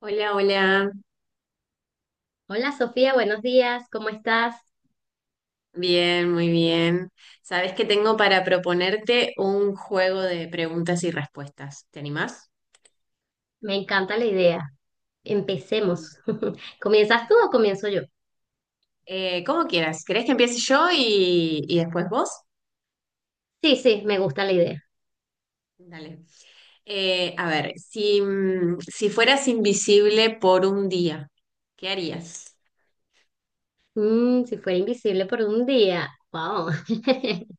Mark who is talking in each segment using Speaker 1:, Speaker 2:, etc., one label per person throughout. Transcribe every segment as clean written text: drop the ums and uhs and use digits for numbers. Speaker 1: Hola, hola.
Speaker 2: Hola Sofía, buenos días, ¿cómo estás?
Speaker 1: Bien, muy bien. Sabes que tengo para proponerte un juego de preguntas y respuestas. ¿Te animás?
Speaker 2: Me encanta la idea.
Speaker 1: Mm.
Speaker 2: Empecemos. ¿Comienzas tú o comienzo yo?
Speaker 1: Como quieras. ¿Querés que empiece yo y después vos?
Speaker 2: Sí, sí, me gusta la idea.
Speaker 1: Dale. A ver, si fueras invisible por un día, ¿qué harías?
Speaker 2: Si fuera invisible por un día, wow.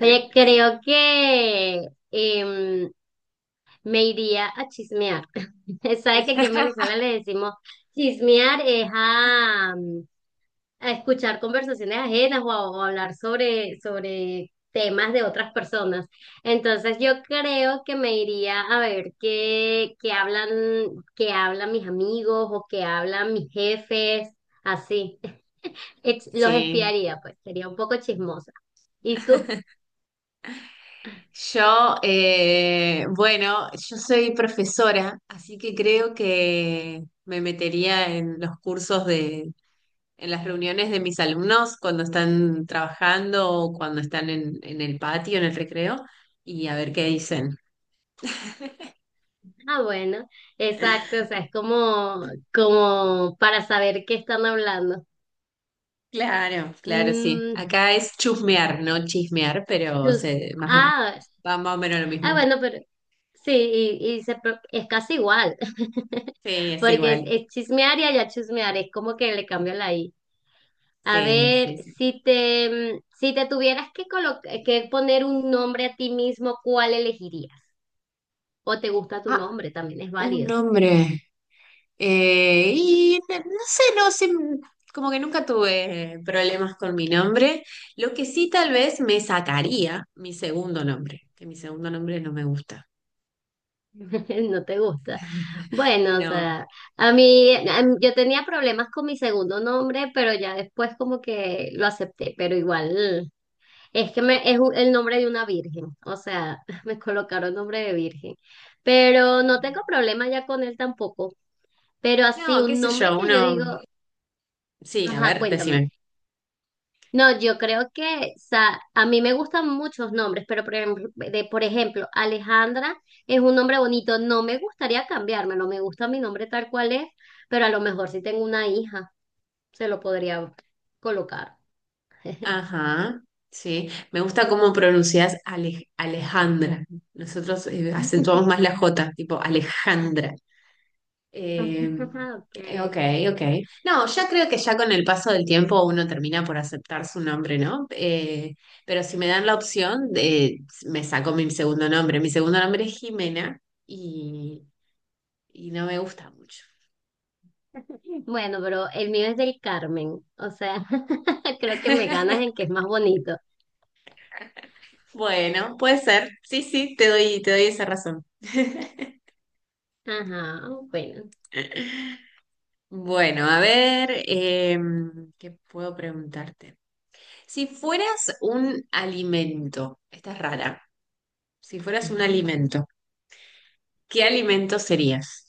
Speaker 2: Oye, creo que em, me iría a chismear. Sabe que aquí en Venezuela le decimos chismear es a escuchar conversaciones ajenas o a hablar sobre temas de otras personas. Entonces yo creo que me iría a ver qué hablan, qué hablan mis amigos o qué hablan mis jefes, así. Los
Speaker 1: Sí.
Speaker 2: espiaría, pues, sería un poco chismosa. ¿Y tú?
Speaker 1: Bueno, yo soy profesora, así que creo que me metería en los cursos de, en las reuniones de mis alumnos cuando están trabajando o cuando están en el patio, en el recreo, y a ver qué dicen.
Speaker 2: Ah, bueno, exacto, o sea, es como para saber qué están hablando.
Speaker 1: Claro, claro, sí.
Speaker 2: Mm,
Speaker 1: Acá es chusmear, no chismear, pero
Speaker 2: tus-
Speaker 1: se, más,
Speaker 2: ah,
Speaker 1: va más o menos lo
Speaker 2: ah,
Speaker 1: mismo.
Speaker 2: bueno, pero sí, y es casi igual,
Speaker 1: Sí, es
Speaker 2: porque es,
Speaker 1: igual.
Speaker 2: es chismear y allá chismear, es como que le cambio la I. A
Speaker 1: Sí,
Speaker 2: ver,
Speaker 1: sí, sí.
Speaker 2: si te tuvieras que poner un nombre a ti mismo, ¿cuál elegirías? ¿O te gusta tu
Speaker 1: Ah,
Speaker 2: nombre? También es
Speaker 1: un
Speaker 2: válido.
Speaker 1: nombre. Y no sé, como que nunca tuve problemas con mi nombre. Lo que sí tal vez me sacaría mi segundo nombre, que mi segundo nombre no me gusta.
Speaker 2: No te gusta. Bueno, o
Speaker 1: No,
Speaker 2: sea, yo tenía problemas con mi segundo nombre, pero ya después como que lo acepté, pero igual es que el nombre de una virgen, o sea, me colocaron nombre de virgen, pero no tengo problema ya con él tampoco, pero así
Speaker 1: no, qué
Speaker 2: un
Speaker 1: sé
Speaker 2: nombre
Speaker 1: yo,
Speaker 2: que yo
Speaker 1: uno...
Speaker 2: digo,
Speaker 1: Sí, a
Speaker 2: ajá,
Speaker 1: ver, decime.
Speaker 2: cuéntame. No, yo creo que, o sea, a mí me gustan muchos nombres, pero por ejemplo, Alejandra es un nombre bonito. No me gustaría cambiármelo, me gusta mi nombre tal cual es, pero a lo mejor si tengo una hija, se lo podría colocar.
Speaker 1: Ajá, sí. Me gusta cómo pronuncias Alejandra. Nosotros acentuamos más la J, tipo Alejandra. Eh,
Speaker 2: Okay.
Speaker 1: ok, ok. No, ya creo que ya con el paso del tiempo uno termina por aceptar su nombre, ¿no? Pero si me dan la opción, me saco mi segundo nombre. Mi segundo nombre es Jimena y, y no me gusta mucho.
Speaker 2: Bueno, pero el mío es del Carmen, o sea, creo que me ganas en que es más bonito.
Speaker 1: Bueno, puede ser. Sí, sí, te doy esa razón.
Speaker 2: Ajá, bueno.
Speaker 1: Bueno, a ver, ¿qué puedo preguntarte? Si fueras un alimento, esta es rara, si fueras un alimento, ¿qué alimento serías?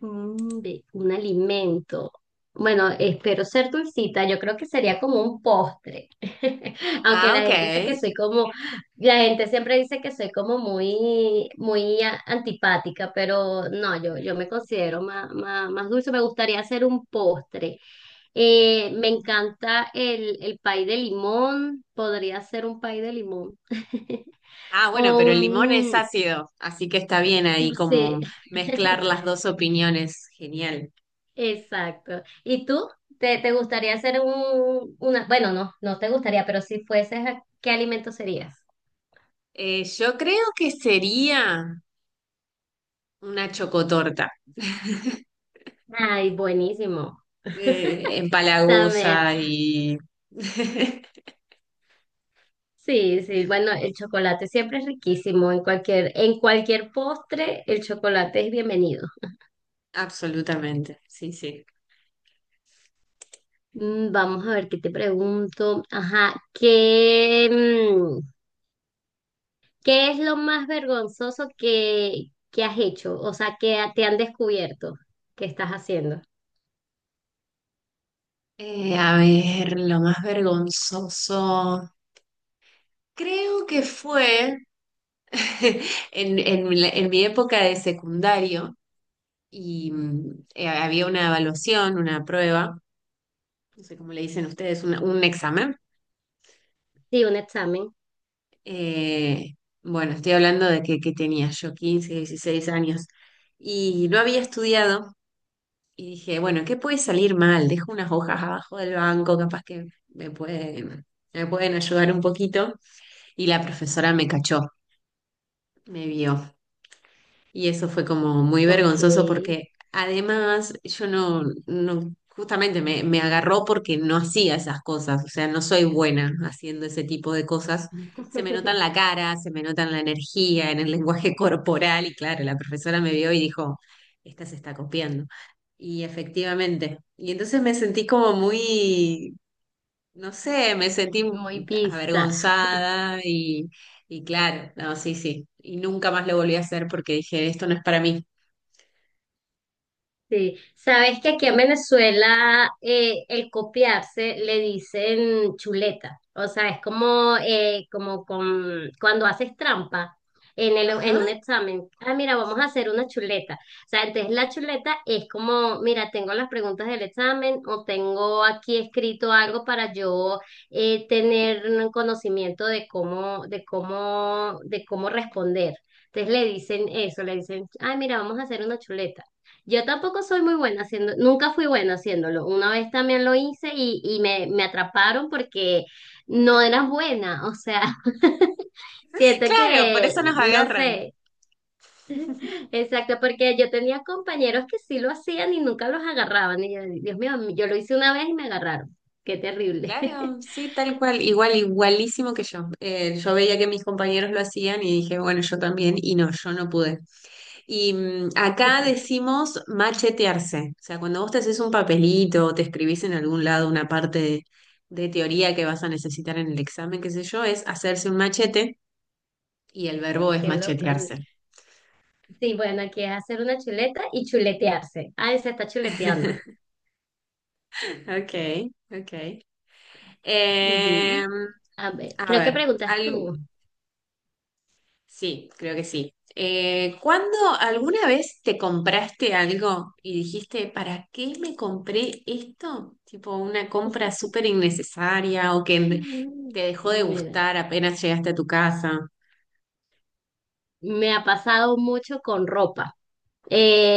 Speaker 2: De un alimento. Bueno, espero ser dulcita. Yo creo que sería como un postre. Aunque
Speaker 1: Ah,
Speaker 2: la
Speaker 1: ok.
Speaker 2: gente dice que soy como, la gente siempre dice que soy como muy, muy antipática, pero no, yo me considero más dulce. Me gustaría hacer un postre. Me encanta el pay de limón. Podría ser un pay de limón.
Speaker 1: Ah, bueno,
Speaker 2: O
Speaker 1: pero el limón es
Speaker 2: un,
Speaker 1: ácido, así que está bien ahí
Speaker 2: sí.
Speaker 1: como mezclar las dos opiniones. Genial.
Speaker 2: Exacto. ¿Y tú? ¿Te gustaría hacer un, una, bueno, no, no te gustaría, pero si fueses, ¿a ¿qué alimento serías?
Speaker 1: Yo creo que sería una chocotorta.
Speaker 2: Ay, buenísimo. También,
Speaker 1: Empalagosa y...
Speaker 2: sí, sí, bueno, el chocolate siempre es riquísimo. En cualquier postre, el chocolate es bienvenido.
Speaker 1: Absolutamente, sí, sí.
Speaker 2: Vamos a ver qué te pregunto. Ajá, ¿qué es lo más vergonzoso que has hecho? O sea, que te han descubierto que estás haciendo.
Speaker 1: A ver, lo más vergonzoso creo que fue en mi época de secundario. Y había una evaluación, una prueba, no sé cómo le dicen ustedes, un examen.
Speaker 2: Sí, un examen.
Speaker 1: Eh, bueno, estoy hablando de que tenía yo 15, 16 años y no había estudiado, y dije, bueno, ¿qué puede salir mal? Dejo unas hojas abajo del banco, capaz que me pueden, me pueden ayudar un poquito. Y la profesora me cachó, me vio. Y eso fue como muy
Speaker 2: Ok.
Speaker 1: vergonzoso porque además yo no justamente me agarró porque no hacía esas cosas, o sea, no soy buena haciendo ese tipo de cosas. Se me nota en la cara, se me nota en la energía, en el lenguaje corporal, y claro, la profesora me vio y dijo, esta se está copiando. Y efectivamente, y entonces me sentí como muy, no sé, me sentí
Speaker 2: Muy pista.
Speaker 1: avergonzada y claro, no, sí, sí. Y nunca más lo volví a hacer porque dije, esto no es para mí.
Speaker 2: Sí, sabes que aquí en Venezuela el copiarse le dicen chuleta, o sea, es como cuando haces trampa
Speaker 1: Ajá.
Speaker 2: en un examen, ah, mira, vamos a hacer una chuleta, o sea, entonces la chuleta es como, mira, tengo las preguntas del examen o tengo aquí escrito algo para yo tener un conocimiento de cómo responder. Entonces le dicen eso, le dicen, ah, mira, vamos a hacer una chuleta. Yo tampoco soy muy buena haciendo, nunca fui buena haciéndolo. Una vez también lo hice y me atraparon porque no era buena, o sea, siento
Speaker 1: Claro, por
Speaker 2: que,
Speaker 1: eso nos
Speaker 2: no
Speaker 1: agarran.
Speaker 2: sé, exacto, porque yo tenía compañeros que sí lo hacían y nunca los agarraban. Y yo, Dios mío, yo lo hice una vez y me agarraron. Qué terrible.
Speaker 1: Claro, sí, tal cual, igual, igualísimo que yo. Yo veía que mis compañeros lo hacían y dije, bueno, yo también, y no, yo no pude. Y acá decimos machetearse, o sea, cuando vos te haces un papelito o te escribís en algún lado una parte de teoría que vas a necesitar en el examen, qué sé yo, es hacerse un machete. Y el verbo es
Speaker 2: Qué loco.
Speaker 1: machetearse.
Speaker 2: Sí, bueno, aquí es hacer una chuleta y chuletearse. Ah, se está chuleteando.
Speaker 1: Ok, ok.
Speaker 2: Ujú.
Speaker 1: Em,
Speaker 2: A ver,
Speaker 1: a
Speaker 2: creo que
Speaker 1: ver,
Speaker 2: preguntas tú.
Speaker 1: sí, creo que sí. ¿Cuándo alguna vez te compraste algo y dijiste, ¿para qué me compré esto? Tipo una compra súper innecesaria o que
Speaker 2: Mm.
Speaker 1: te dejó de
Speaker 2: Mira,
Speaker 1: gustar apenas llegaste a tu casa.
Speaker 2: me ha pasado mucho con ropa.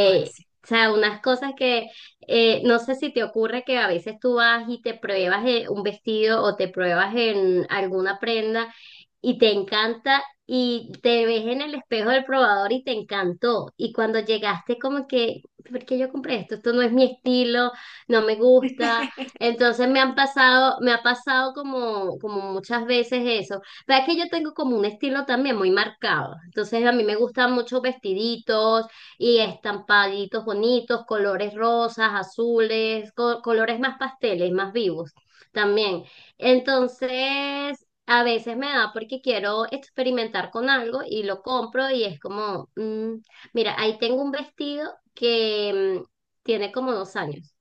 Speaker 1: Ay, sí.
Speaker 2: o sea, unas cosas que no sé si te ocurre que a veces tú vas y te pruebas un vestido o te pruebas en alguna prenda y te encanta y te ves en el espejo del probador y te encantó. Y cuando llegaste como que, ¿por qué yo compré esto? Esto no es mi estilo, no me gusta. Entonces me han pasado, me ha pasado como muchas veces eso. Pero es que yo tengo como un estilo también muy marcado. Entonces a mí me gustan muchos vestiditos y estampaditos bonitos, colores rosas, azules, colores más pasteles, más vivos también. Entonces, a veces me da porque quiero experimentar con algo y lo compro y es como, mira, ahí tengo un vestido que tiene como 2 años.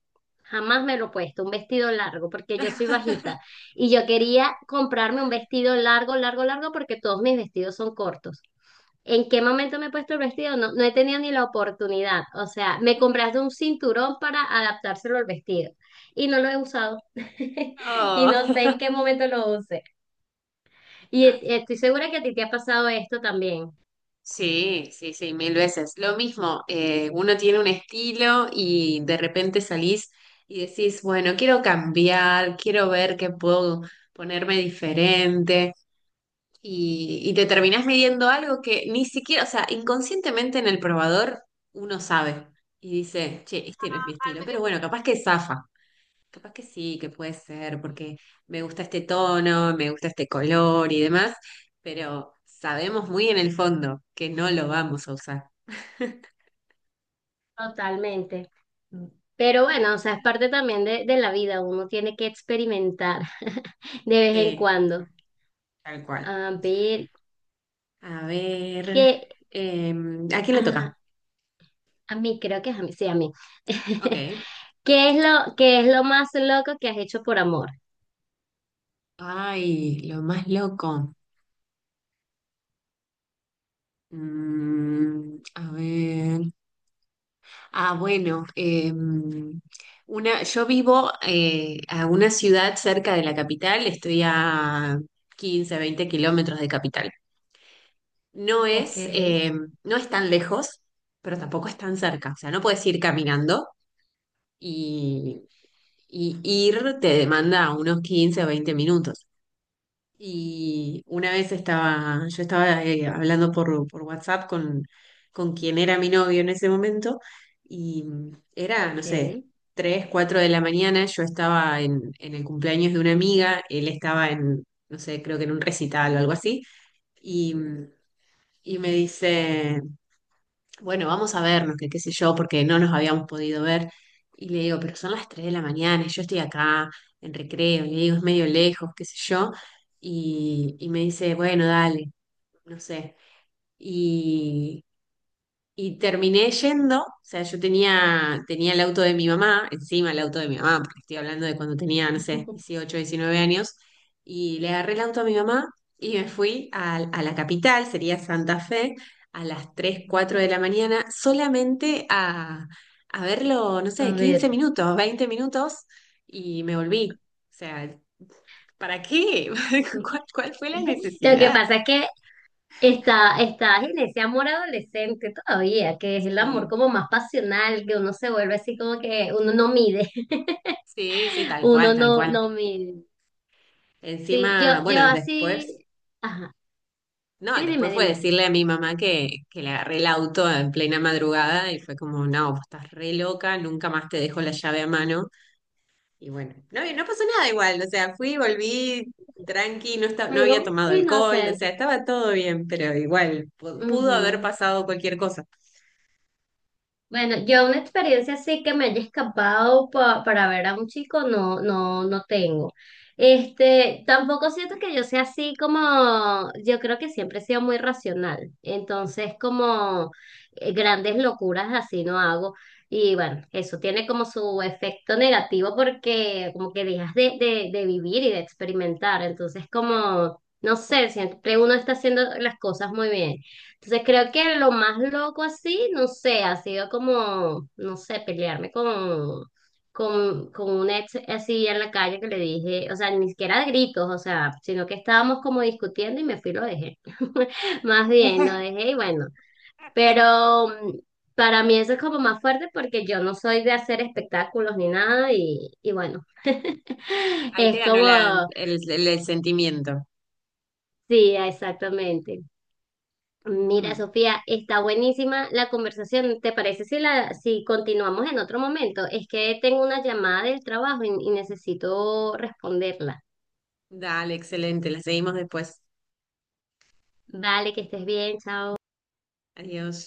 Speaker 2: Jamás me lo he puesto, un vestido largo, porque yo soy bajita y yo quería comprarme un vestido largo, largo, largo, porque todos mis vestidos son cortos. ¿En qué momento me he puesto el vestido? No, no he tenido ni la oportunidad. O sea, me compraste un cinturón para adaptárselo al vestido y no lo he usado. Y no
Speaker 1: Oh.
Speaker 2: sé en qué momento lo use. Y estoy segura que a ti te ha pasado esto también.
Speaker 1: Sí, sí, sí, mil veces. Lo mismo, uno tiene un estilo y de repente salís y decís, bueno, quiero cambiar, quiero ver qué puedo ponerme diferente. Y te terminás midiendo algo que ni siquiera, o sea, inconscientemente en el probador uno sabe y dice, che, este no es mi estilo, pero bueno, capaz que zafa. Capaz que sí, que puede ser, porque me gusta este tono, me gusta este color y demás, pero sabemos muy en el fondo que no lo vamos a usar.
Speaker 2: Totalmente. Pero bueno, o sea, es parte también de la vida. Uno tiene que experimentar de vez en
Speaker 1: Sí, tal cual.
Speaker 2: cuando.
Speaker 1: Tal cual.
Speaker 2: A ver,
Speaker 1: A ver,
Speaker 2: ¿qué?
Speaker 1: eh, ¿a quién le
Speaker 2: Ah,
Speaker 1: toca?
Speaker 2: a mí, creo que es a mí. Sí, a mí.
Speaker 1: Ok.
Speaker 2: ¿Qué es lo más loco que has hecho por amor?
Speaker 1: Ay, lo más loco. A ver. Ah, bueno, yo vivo a una ciudad cerca de la capital, estoy a 15-20 kilómetros de capital. No
Speaker 2: Ok,
Speaker 1: es, eh, no es tan lejos, pero tampoco es tan cerca. O sea, no puedes ir caminando, y, y ir te demanda unos 15 o 20 minutos. Y una vez yo estaba hablando por WhatsApp con quien era mi novio en ese momento, y era, no sé,
Speaker 2: ok.
Speaker 1: 3-4 de la mañana, yo estaba en el cumpleaños de una amiga, él estaba en, no sé, creo que en un recital o algo así, y, y me dice, bueno, vamos a vernos, que qué sé yo, porque no nos habíamos podido ver. Y le digo, pero son las 3 de la mañana, y yo estoy acá en recreo, y le digo, es medio lejos, qué sé yo. Y me dice, bueno, dale, no sé. Y terminé yendo, o sea, yo tenía el auto de mi mamá, encima el auto de mi mamá, porque estoy hablando de cuando tenía, no sé, 18-19 años, y le agarré el auto a mi mamá, y me fui a la capital, sería Santa Fe, a las 3-4 de la mañana, solamente a verlo, no
Speaker 2: A
Speaker 1: sé, 15
Speaker 2: ver.
Speaker 1: minutos, 20 minutos, y me volví. O sea, ¿para qué?
Speaker 2: Lo
Speaker 1: ¿¿Cuál fue la
Speaker 2: que
Speaker 1: necesidad?
Speaker 2: pasa es que está en ese amor adolescente todavía, que es el amor
Speaker 1: Sí,
Speaker 2: como más pasional, que uno se vuelve así como que uno no mide,
Speaker 1: sí, sí, tal cual,
Speaker 2: uno
Speaker 1: tal
Speaker 2: no,
Speaker 1: cual.
Speaker 2: no mide. Sí, yo,
Speaker 1: Encima,
Speaker 2: yo
Speaker 1: bueno, después,
Speaker 2: así, ajá,
Speaker 1: no,
Speaker 2: sí, dime,
Speaker 1: después fue
Speaker 2: dime.
Speaker 1: decirle a mi mamá que le agarré el auto en plena madrugada, y fue como, no, vos estás re loca, nunca más te dejo la llave a mano. Y bueno, no, no pasó nada igual, o sea, fui, volví tranqui, no, no
Speaker 2: Algo
Speaker 1: había tomado alcohol, o
Speaker 2: inocente.
Speaker 1: sea, estaba todo bien, pero igual, pudo haber pasado cualquier cosa.
Speaker 2: Bueno, yo una experiencia así que me haya escapado para ver a un chico, no, no, no tengo. Este, tampoco siento que yo sea así como, yo creo que siempre he sido muy racional. Entonces, como grandes locuras así no hago. Y bueno, eso tiene como su efecto negativo porque como que dejas de vivir y de experimentar. Entonces, como, no sé, siempre uno está haciendo las cosas muy bien. Entonces creo que lo más loco así, no sé, ha sido como, no sé, pelearme con un ex así en la calle que le dije, o sea, ni siquiera de gritos, o sea, sino que estábamos como discutiendo y me fui y lo dejé. Más bien, lo dejé y bueno, pero para mí eso es como más fuerte porque yo no soy de hacer espectáculos ni nada y bueno,
Speaker 1: Ahí te
Speaker 2: es
Speaker 1: ganó la, el,
Speaker 2: como,
Speaker 1: el- el sentimiento.
Speaker 2: sí, exactamente. Mira,
Speaker 1: Mm,
Speaker 2: Sofía, está buenísima la conversación. ¿Te parece si continuamos en otro momento? Es que tengo una llamada del trabajo y necesito responderla.
Speaker 1: Dale, excelente, la seguimos después.
Speaker 2: Vale, que estés bien, chao.
Speaker 1: Adiós.